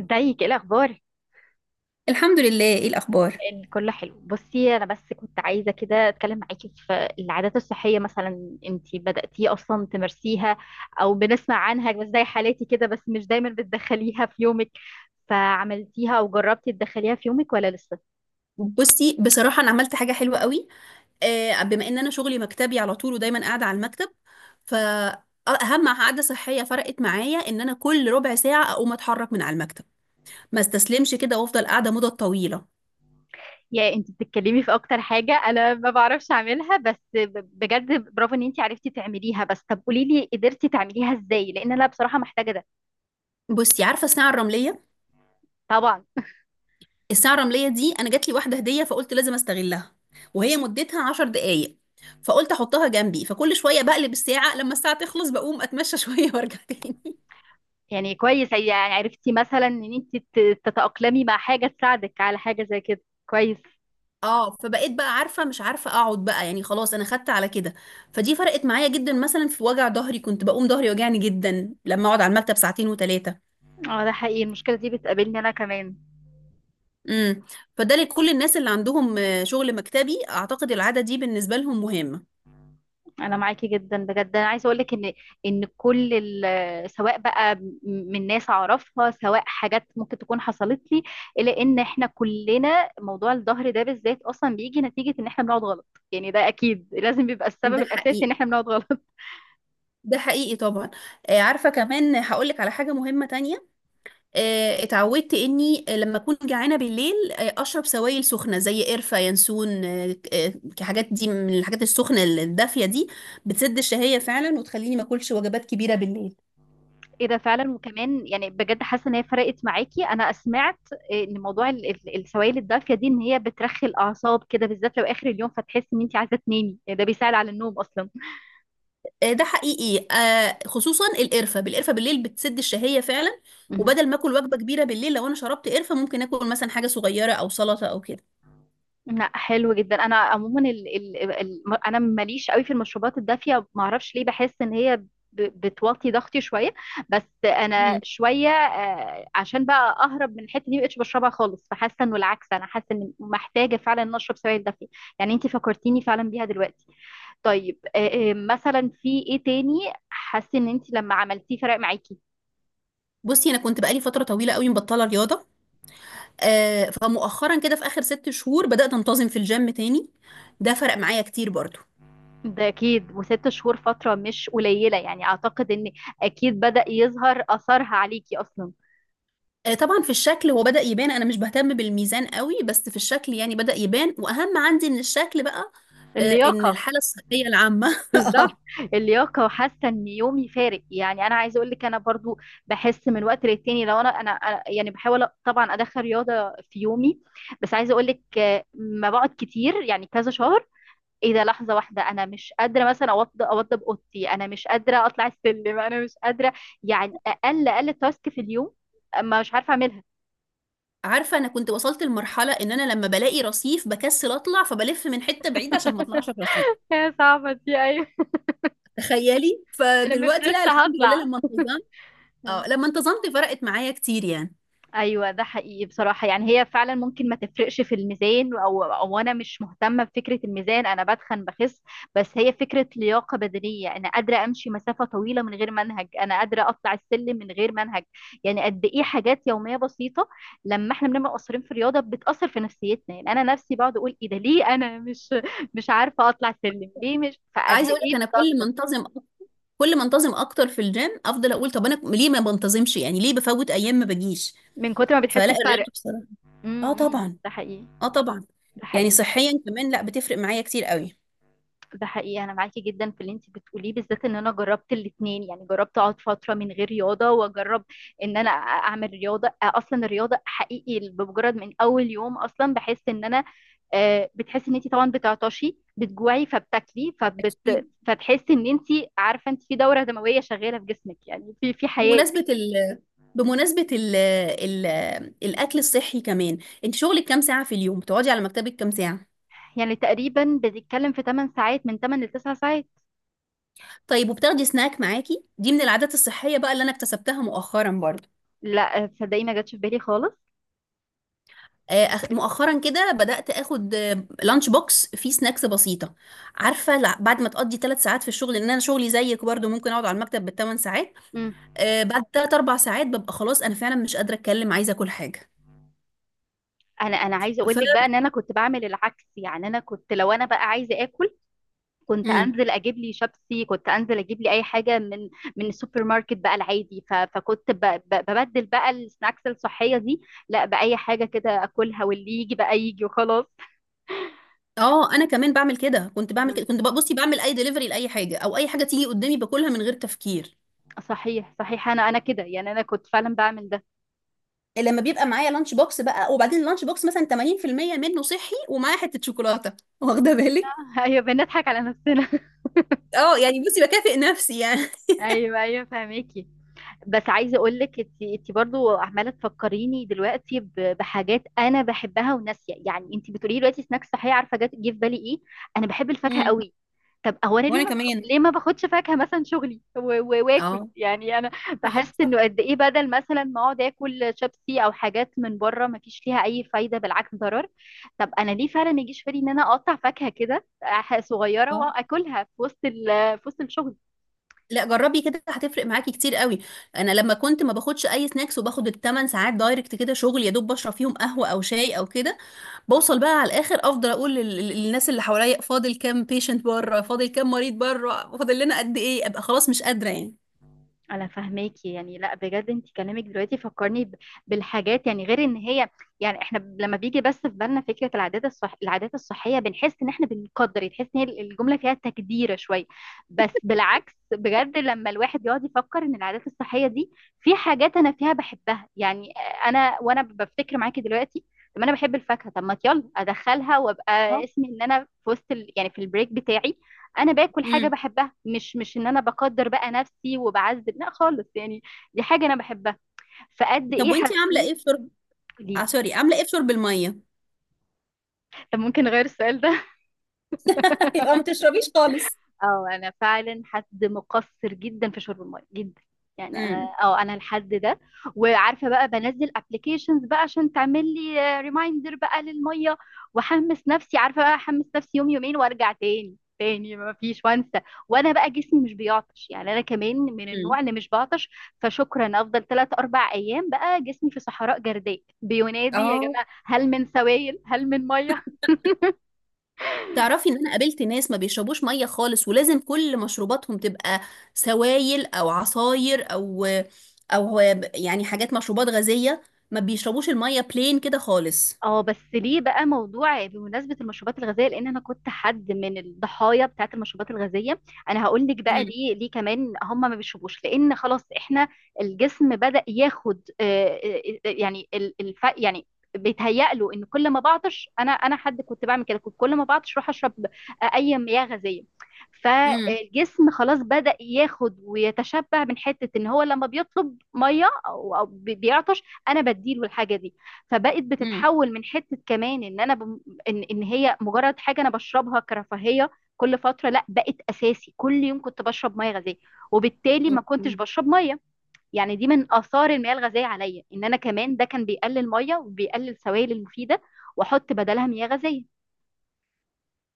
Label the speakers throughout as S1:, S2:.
S1: ازيك، ايه الاخبار؟
S2: الحمد لله. ايه الاخبار؟
S1: ان كله حلو. بصي، انا بس كنت عايزه كده اتكلم معاكي في العادات الصحيه. مثلا انتي بداتي اصلا تمارسيها او بنسمع عنها بس زي حالاتي كده، بس مش دايما بتدخليها في يومك، فعملتيها او جربتي تدخليها في يومك ولا لسه؟
S2: بصي، بصراحة أنا عملت حاجة حلوة قوي. بما إن أنا شغلي مكتبي على طول ودايما قاعدة على المكتب، فأهم عادة صحية فرقت معايا إن أنا كل ربع ساعة أقوم أتحرك من على المكتب، ما استسلمش كده وأفضل قاعدة مدة طويلة.
S1: يعني انتي بتتكلمي في اكتر حاجه انا ما بعرفش اعملها، بس بجد برافو ان انتي عرفتي تعمليها. بس طب قولي لي قدرتي تعمليها ازاي؟ لان انا بصراحه محتاجه ده.
S2: بصي، عارفة الساعة الرملية؟
S1: طبعا.
S2: الساعة الرملية دي أنا جات لي واحدة هدية، فقلت لازم أستغلها، وهي مدتها عشر دقايق. فقلت أحطها جنبي، فكل شوية بقلب الساعة، لما الساعة تخلص بقوم أتمشى شوية وأرجع تاني.
S1: يعني كويس، يعني عرفتي مثلا ان انت تتأقلمي مع حاجة تساعدك على حاجة زي كده، كويس.
S2: اه، فبقيت بقى عارفه مش عارفه اقعد بقى، يعني خلاص انا خدت على كده. فدي فرقت معايا جدا، مثلا في وجع ظهري كنت بقوم ظهري يوجعني جدا لما اقعد على المكتب ساعتين وثلاثه.
S1: اه ده حقيقي، المشكلة دي بتقابلني انا كمان.
S2: امم فده لكل الناس اللي عندهم شغل مكتبي، اعتقد العاده دي بالنسبه لهم مهمه.
S1: انا معاكي جدا، بجد انا عايزة اقولك ان ان كل سواء بقى من ناس اعرفها، سواء حاجات ممكن تكون حصلت لي، الا ان احنا كلنا موضوع الظهر ده بالذات اصلا بيجي نتيجة ان احنا بنقعد غلط. يعني ده اكيد لازم بيبقى السبب
S2: ده
S1: الاساسي ان
S2: حقيقي،
S1: احنا بنقعد غلط.
S2: ده حقيقي طبعا. عارفه كمان هقول لك على حاجه مهمه تانية. اتعودت اني لما اكون جعانه بالليل اشرب سوائل سخنه زي قرفه ينسون. الحاجات دي من الحاجات السخنه الدافيه دي بتسد الشهيه فعلا وتخليني ما اكلش وجبات كبيره بالليل.
S1: إيه ده فعلا، وكمان يعني بجد حاسة إن هي فرقت معاكي. أنا سمعت إن موضوع السوائل الدافية دي إن هي بترخي الأعصاب كده، بالذات لو آخر اليوم، فتحس إن أنت عايزة تنامي. يعني ده بيساعد على النوم أصلا.
S2: ده حقيقي. خصوصا القرفه، بالقرفه بالليل بتسد الشهيه فعلا.
S1: مهم.
S2: وبدل ما اكل وجبه كبيره بالليل، لو انا شربت قرفه ممكن اكل مثلا حاجه صغيره او سلطه او كده.
S1: لا حلو جدا. انا عموما ال انا ماليش قوي في المشروبات الدافيه، ما اعرفش ليه، بحس ان هي بتوطي ضغطي شويه. بس انا
S2: مم.
S1: شويه، عشان بقى اهرب من الحته دي مبقتش بشربها خالص، فحاسه انه العكس، انا حاسه ان محتاجه فعلا ان اشرب سوائل دافيه. يعني انت فكرتيني فعلا بيها دلوقتي. طيب مثلا في ايه تاني حاسه ان انت لما عملتيه فرق معاكي؟
S2: بصي انا كنت بقالي فتره طويله قوي مبطله رياضه. فمؤخرا كده في اخر ست شهور بدات انتظم في الجيم تاني. ده فرق معايا كتير برضو.
S1: ده اكيد، وست شهور فتره مش قليله، يعني اعتقد ان اكيد بدأ يظهر اثرها عليكي اصلا.
S2: طبعا في الشكل، هو بدأ يبان. انا مش بهتم بالميزان قوي، بس في الشكل يعني بدأ يبان، واهم عندي من الشكل بقى ان
S1: اللياقه.
S2: الحالة الصحية العامة
S1: بالظبط.
S2: آه.
S1: اللياقه، وحاسه ان يومي فارق. يعني انا عايزه اقول لك انا برضو بحس من وقت للتاني، لو يعني بحاول طبعا ادخل رياضه في يومي، بس عايزه اقول لك ما بقعد كتير، يعني كذا شهر ايه ده لحظه واحده انا مش قادره مثلا اوضب اوضتي، انا مش قادره اطلع السلم، انا مش قادره، يعني اقل تاسك في اليوم ما مش عارفه اعملها.
S2: عارفة انا كنت وصلت لمرحلة ان انا لما بلاقي رصيف بكسل اطلع، فبلف من حتة بعيدة عشان ما اطلعش في رصيف.
S1: هي صعبه دي، ايوه.
S2: تخيلي،
S1: انا مش
S2: فدلوقتي لا،
S1: لسه
S2: الحمد لله
S1: هطلع.
S2: لما انتظمت. اه لما انتظمت فرقت معايا كتير يعني.
S1: ايوه ده حقيقي بصراحه. يعني هي فعلا ممكن ما تفرقش في الميزان، او انا مش مهتمه بفكره الميزان، انا بتخن بخس، بس هي فكره لياقه بدنيه، انا قادره امشي مسافه طويله من غير منهج، انا قادره اطلع السلم من غير منهج. يعني قد ايه حاجات يوميه بسيطه لما احنا بنبقى مقصرين في الرياضه بتاثر في نفسيتنا. يعني انا نفسي بقعد اقول ايه ده؟ ليه انا مش عارفه اطلع سلم؟ ليه؟ مش فقد
S2: عايزه اقول
S1: ايه
S2: لك، انا كل ما
S1: بتاثر
S2: انتظم، كل ما انتظم اكتر في الجيم افضل اقول طب انا ليه ما بنتظمش، يعني ليه بفوت ايام ما بجيش.
S1: من كتر ما
S2: فلا،
S1: بتحس
S2: الرياضه
S1: بفرق.
S2: بصراحه.
S1: امم،
S2: اه
S1: إمم،
S2: طبعا،
S1: ده حقيقي.
S2: اه طبعا.
S1: ده
S2: يعني
S1: حقيقي.
S2: صحيا كمان لا، بتفرق معايا كتير قوي.
S1: ده حقيقي. انا معاكي جدا في اللي انت بتقوليه، بالذات ان انا جربت الاتنين، يعني جربت اقعد فتره من غير رياضه واجرب ان انا اعمل رياضه. اصلا الرياضه حقيقي بمجرد من اول يوم اصلا بحس ان انا بتحسي ان انت طبعا بتعطشي بتجوعي فبتاكلي
S2: اكيد.
S1: فتحسي ان انت عارفه انت في دوره دمويه شغاله في جسمك، يعني في في حياه.
S2: بمناسبه ال الاكل الصحي كمان، انت شغلك كام ساعه في اليوم، بتقعدي على مكتبك كام ساعه؟
S1: يعني تقريبا بتتكلم في 8 ساعات، من 8 ل 9 ساعات.
S2: طيب، وبتاخدي سناك معاكي؟ دي من العادات الصحيه بقى اللي انا اكتسبتها مؤخرا برضه.
S1: لا تصدقي ما جاتش في بالي خالص.
S2: مؤخرا كده بدأت اخد لانش بوكس فيه سناكس بسيطة. عارفة، بعد ما تقضي ثلاث ساعات في الشغل، لان انا شغلي زيك برضو، ممكن اقعد على المكتب بالثمان ساعات. بعد ثلاث اربع ساعات ببقى خلاص انا فعلا مش قادرة اتكلم، عايزة اكل حاجة.
S1: انا عايزه اقول
S2: ف
S1: لك بقى ان انا كنت بعمل العكس. يعني انا كنت لو انا بقى عايزه اكل كنت
S2: مم.
S1: انزل اجيب لي شيبسي، كنت انزل اجيب لي اي حاجه من من السوبر ماركت بقى العادي، فكنت ببدل بقى السناكس الصحيه دي لا باي حاجه كده اكلها، واللي يجي بقى يجي وخلاص.
S2: اه انا كمان بعمل كده، كنت بعمل كده
S1: مم.
S2: كنت بصي بعمل اي دليفري لاي حاجة او اي حاجة تيجي قدامي باكلها من غير تفكير.
S1: صحيح صحيح انا كده، يعني انا كنت فعلا بعمل ده.
S2: لما بيبقى معايا لانش بوكس بقى، وبعدين اللانش بوكس مثلا 80% منه صحي ومعاه حتة شوكولاتة واخدة بالك؟
S1: ايوه بنضحك على نفسنا.
S2: اه يعني بصي بكافئ نفسي يعني.
S1: ايوه ايوه فهميكي. بس عايزه اقول لك انت انت برضه عماله تفكريني دلوقتي بحاجات انا بحبها وناسيه، يعني انت بتقولي لي دلوقتي سناكس صحيه عارفه جه في بالي ايه؟ انا بحب الفاكهه
S2: امم
S1: قوي. طب هو انا ليه
S2: وانا
S1: ما بخ...
S2: كمان.
S1: ليه ما باخدش فاكهه مثلا شغلي واكل؟
S2: اه
S1: يعني انا بحس
S2: صح.
S1: انه قد ايه بدل مثلا ما اقعد اكل شيبسي او حاجات من بره ما فيش فيها اي فايده، بالعكس ضرر. طب انا ليه فعلا ما يجيش في بالي ان انا اقطع فاكهه كده صغيره
S2: اه
S1: واكلها في وسط ال... في وسط الشغل.
S2: لا، جربي كده هتفرق معاكي كتير قوي. انا لما كنت ما باخدش اي سناكس، وباخد الثمان ساعات دايركت كده شغل، يا دوب بشرب فيهم قهوه او شاي او كده، بوصل بقى على الاخر افضل اقول للناس اللي حواليا فاضل كام بيشنت بره، فاضل كام مريض بره، فاضل لنا قد ايه، ابقى خلاص مش قادره يعني.
S1: انا فاهماكي. يعني لا بجد انت كلامك دلوقتي فكرني بالحاجات. يعني غير ان هي، يعني احنا لما بيجي بس في بالنا فكره العادات الصح العادات الصحيه بنحس ان احنا بنقدر، يعني تحس ان هي الجمله فيها تقديره شويه، بس بالعكس، بجد لما الواحد بيقعد يفكر ان العادات الصحيه دي في حاجات انا فيها بحبها. يعني انا وانا بفتكر معاكي دلوقتي طب انا بحب الفاكهه، طب ما يلا ادخلها وابقى
S2: آه.
S1: اسمي ان انا في وسط يعني في البريك بتاعي انا باكل حاجه
S2: امم
S1: بحبها، مش ان انا بقدر بقى نفسي وبعذب، لا خالص يعني. دي حاجه انا بحبها. فقد
S2: طب
S1: ايه
S2: وانتي عامله
S1: حسيت.
S2: ايه في شرب؟
S1: قولي
S2: آه
S1: لي.
S2: سوري، عامله ايه في شرب الميه؟
S1: طب ممكن اغير السؤال ده.
S2: يبقى ما تشربيش خالص.
S1: اه انا فعلا حد مقصر جدا في شرب الميه، جدا يعني. انا
S2: امم
S1: اه انا الحد ده. وعارفه بقى بنزل ابلكيشنز بقى عشان تعمل لي ريمايندر بقى للميه، واحمس نفسي عارفه بقى احمس نفسي يوم يومين وارجع تاني تاني ما فيش وانسى. وانا بقى جسمي مش بيعطش، يعني انا كمان من
S2: امم
S1: النوع اللي مش بعطش. فشكرا افضل ثلاث اربع ايام بقى جسمي في صحراء جرداء بينادي يا
S2: اه،
S1: جماعه، هل من سوائل، هل من ميه.
S2: تعرفي ان انا قابلت ناس ما بيشربوش ميه خالص، ولازم كل مشروباتهم تبقى سوائل او عصاير او او يعني حاجات، مشروبات غازيه. ما بيشربوش الميه بلين كده خالص.
S1: اه بس ليه بقى؟ موضوع بمناسبة المشروبات الغازية، لأن أنا كنت حد من الضحايا بتاعة المشروبات الغازية. أنا هقول لك بقى
S2: امم
S1: ليه، ليه كمان هم ما بيشربوش؟ لأن خلاص إحنا الجسم بدأ ياخد يعني الف، يعني بيتهيأ له إن كل ما بعطش. أنا حد كنت بعمل كده، كنت كل ما بعطش أروح أشرب أي مياه غازية.
S2: امم
S1: فالجسم خلاص بدأ ياخد ويتشبع من حتة إن هو لما بيطلب مية أو بيعطش أنا بديله الحاجة دي. فبقت
S2: امم
S1: بتتحول من حته كمان ان انا بم... إن... ان هي مجرد حاجه انا بشربها كرفاهيه كل فتره، لا بقت اساسي كل يوم كنت بشرب ميه غازيه، وبالتالي ما كنتش
S2: اوكي.
S1: بشرب ميه. يعني دي من اثار المياه الغازيه عليا ان انا كمان ده كان بيقلل ميه وبيقلل سوائل المفيده، واحط بدلها مياه غازيه.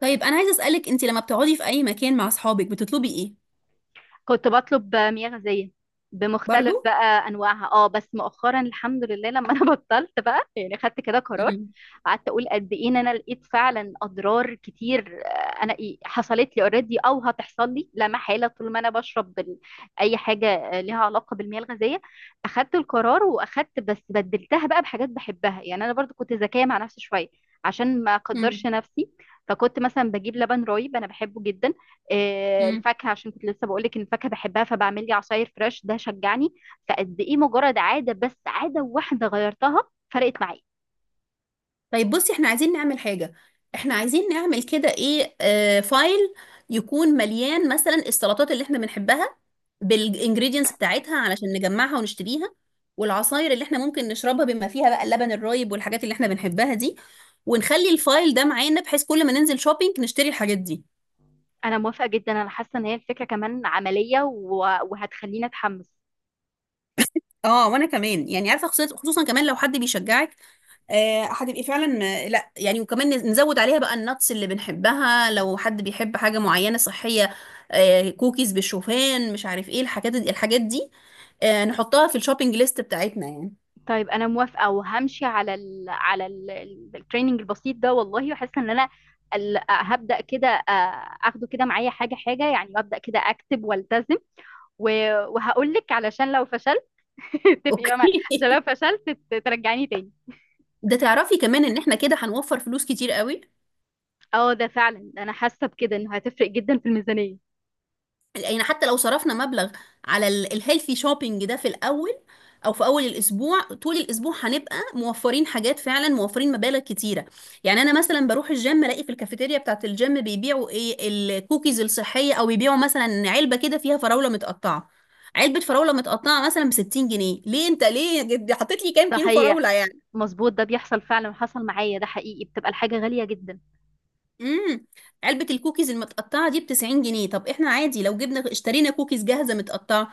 S2: طيب، انا عايزه اسالك انت لما بتقعدي في اي مكان مع اصحابك بتطلبي ايه؟
S1: كنت بطلب مياه غازية بمختلف
S2: برضو.
S1: بقى انواعها. اه بس مؤخرا الحمد لله لما انا بطلت بقى، يعني خدت كده قرار. قعدت اقول قد ايه ان انا لقيت فعلا اضرار كتير، انا إيه حصلت لي اوريدي او هتحصل لي لا محاله طول ما انا بشرب اي حاجه ليها علاقه بالمياه الغازيه. اخدت القرار واخدت، بس بدلتها بقى بحاجات بحبها. يعني انا برضو كنت ذكيه مع نفسي شويه، عشان ما اقدرش
S2: امم
S1: نفسي، فكنت مثلا بجيب لبن رايب انا بحبه جدا، الفاكهه عشان كنت لسه بقول لك ان الفاكهه بحبها فبعمل لي عصاير فريش، ده شجعني. فقد ايه مجرد عاده، بس عاده واحده غيرتها فرقت معايا.
S2: طيب بصي، احنا عايزين نعمل حاجة، احنا عايزين نعمل كده ايه، آه، فايل يكون مليان مثلا السلطات اللي احنا بنحبها بالانجريدينتس بتاعتها علشان نجمعها ونشتريها، والعصاير اللي احنا ممكن نشربها بما فيها بقى اللبن الرايب والحاجات اللي احنا بنحبها دي، ونخلي الفايل ده معانا بحيث كل ما ننزل شوبينج نشتري الحاجات دي.
S1: انا موافقه جدا، انا حاسه ان هي الفكره كمان عمليه وهتخليني اتحمس.
S2: اه وانا كمان يعني، عارفة خصوصا، خصوصاً كمان لو حد بيشجعك هتبقي فعلا. لا يعني، وكمان نزود عليها بقى النتس اللي بنحبها، لو حد بيحب حاجة معينة صحية، كوكيز بالشوفان، مش عارف ايه الحاجات دي، الحاجات دي نحطها في الشوبينج ليست بتاعتنا يعني.
S1: طيب انا موافقه وهمشي على ال على التريننج البسيط ده والله، وحاسه ان انا هبدا كده اخده كده معايا حاجه حاجه، يعني ابدا كده اكتب والتزم. وهقول لك علشان لو فشلت اتفقي بقى معايا،
S2: اوكي
S1: عشان لو فشلت ترجعيني تاني.
S2: ده تعرفي كمان ان احنا كده هنوفر فلوس كتير قوي؟
S1: اه ده فعلا انا حاسه بكده انه هتفرق جدا في الميزانيه.
S2: يعني حتى لو صرفنا مبلغ على الهيلثي شوبينج ده في الاول، او في اول الاسبوع، طول الاسبوع هنبقى موفرين حاجات، فعلا موفرين مبالغ كتيره. يعني انا مثلا بروح الجيم الاقي في الكافيتيريا بتاعه الجيم بيبيعوا ايه، الكوكيز الصحيه، او بيبيعوا مثلا علبه كده فيها فراوله متقطعه، علبه فراوله متقطعه مثلا ب 60 جنيه. ليه انت ليه حطيت لي كام كيلو فراوله
S1: صحيح.
S2: يعني؟
S1: مظبوط ده بيحصل فعلا وحصل معايا، ده حقيقي بتبقى الحاجه غاليه جدا.
S2: امم علبه الكوكيز المتقطعه دي ب 90 جنيه. طب احنا عادي لو جبنا اشترينا كوكيز جاهزه متقطعه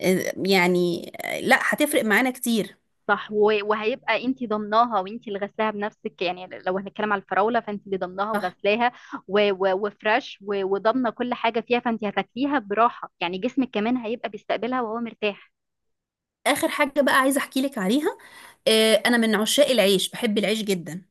S2: يعني لا، هتفرق معانا كتير.
S1: صح وهيبقى انت ضمناها وانت اللي غسلاها بنفسك، يعني لو هنتكلم على الفراوله فانت اللي ضمناها
S2: صح.
S1: وغسلاها وفريش وضامنه كل حاجه فيها، فانت هتاكليها براحه، يعني جسمك كمان هيبقى بيستقبلها وهو مرتاح.
S2: اخر حاجه بقى عايزه احكي لك عليها، انا من عشاق العيش، بحب العيش جدا.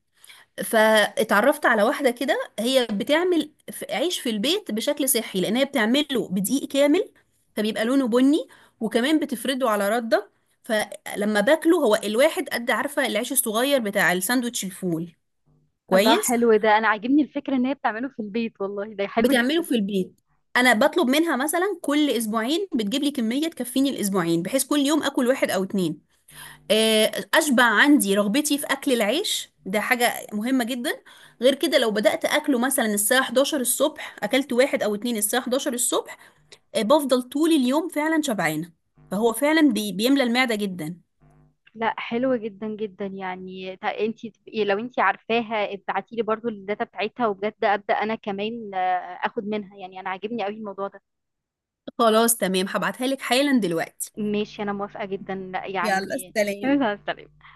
S2: فاتعرفت على واحده كده هي بتعمل عيش في البيت بشكل صحي، لان هي بتعمله بدقيق كامل فبيبقى لونه بني، وكمان بتفرده على رده. فلما باكله هو الواحد قد، عارفه، العيش الصغير بتاع الساندوتش الفول؟
S1: الله
S2: كويس.
S1: حلو ده، انا عاجبني الفكره ان هي بتعمله في البيت، والله ده حلو
S2: بتعمله
S1: جدا.
S2: في البيت. انا بطلب منها مثلا كل اسبوعين بتجيب لي كميه تكفيني الاسبوعين، بحيث كل يوم اكل واحد او اتنين. اشبع عندي رغبتي في اكل العيش، ده حاجه مهمه جدا. غير كده، لو بدات اكله مثلا الساعه 11 الصبح، اكلت واحد او اتنين الساعه 11 الصبح، بفضل طول اليوم فعلا شبعانه. فهو فعلا بيملى المعده جدا.
S1: لا حلو جدا جدا، يعني انت تبقي لو انت عارفاها ابعتي لي برضو الداتا بتاعتها، وبجد ابدا انا كمان اخد منها. يعني انا عاجبني قوي الموضوع ده.
S2: خلاص تمام، هبعتها لك حالا دلوقتي.
S1: ماشي انا موافقة جدا لا
S2: يلا
S1: يعني.
S2: سلام.
S1: مع السلامة.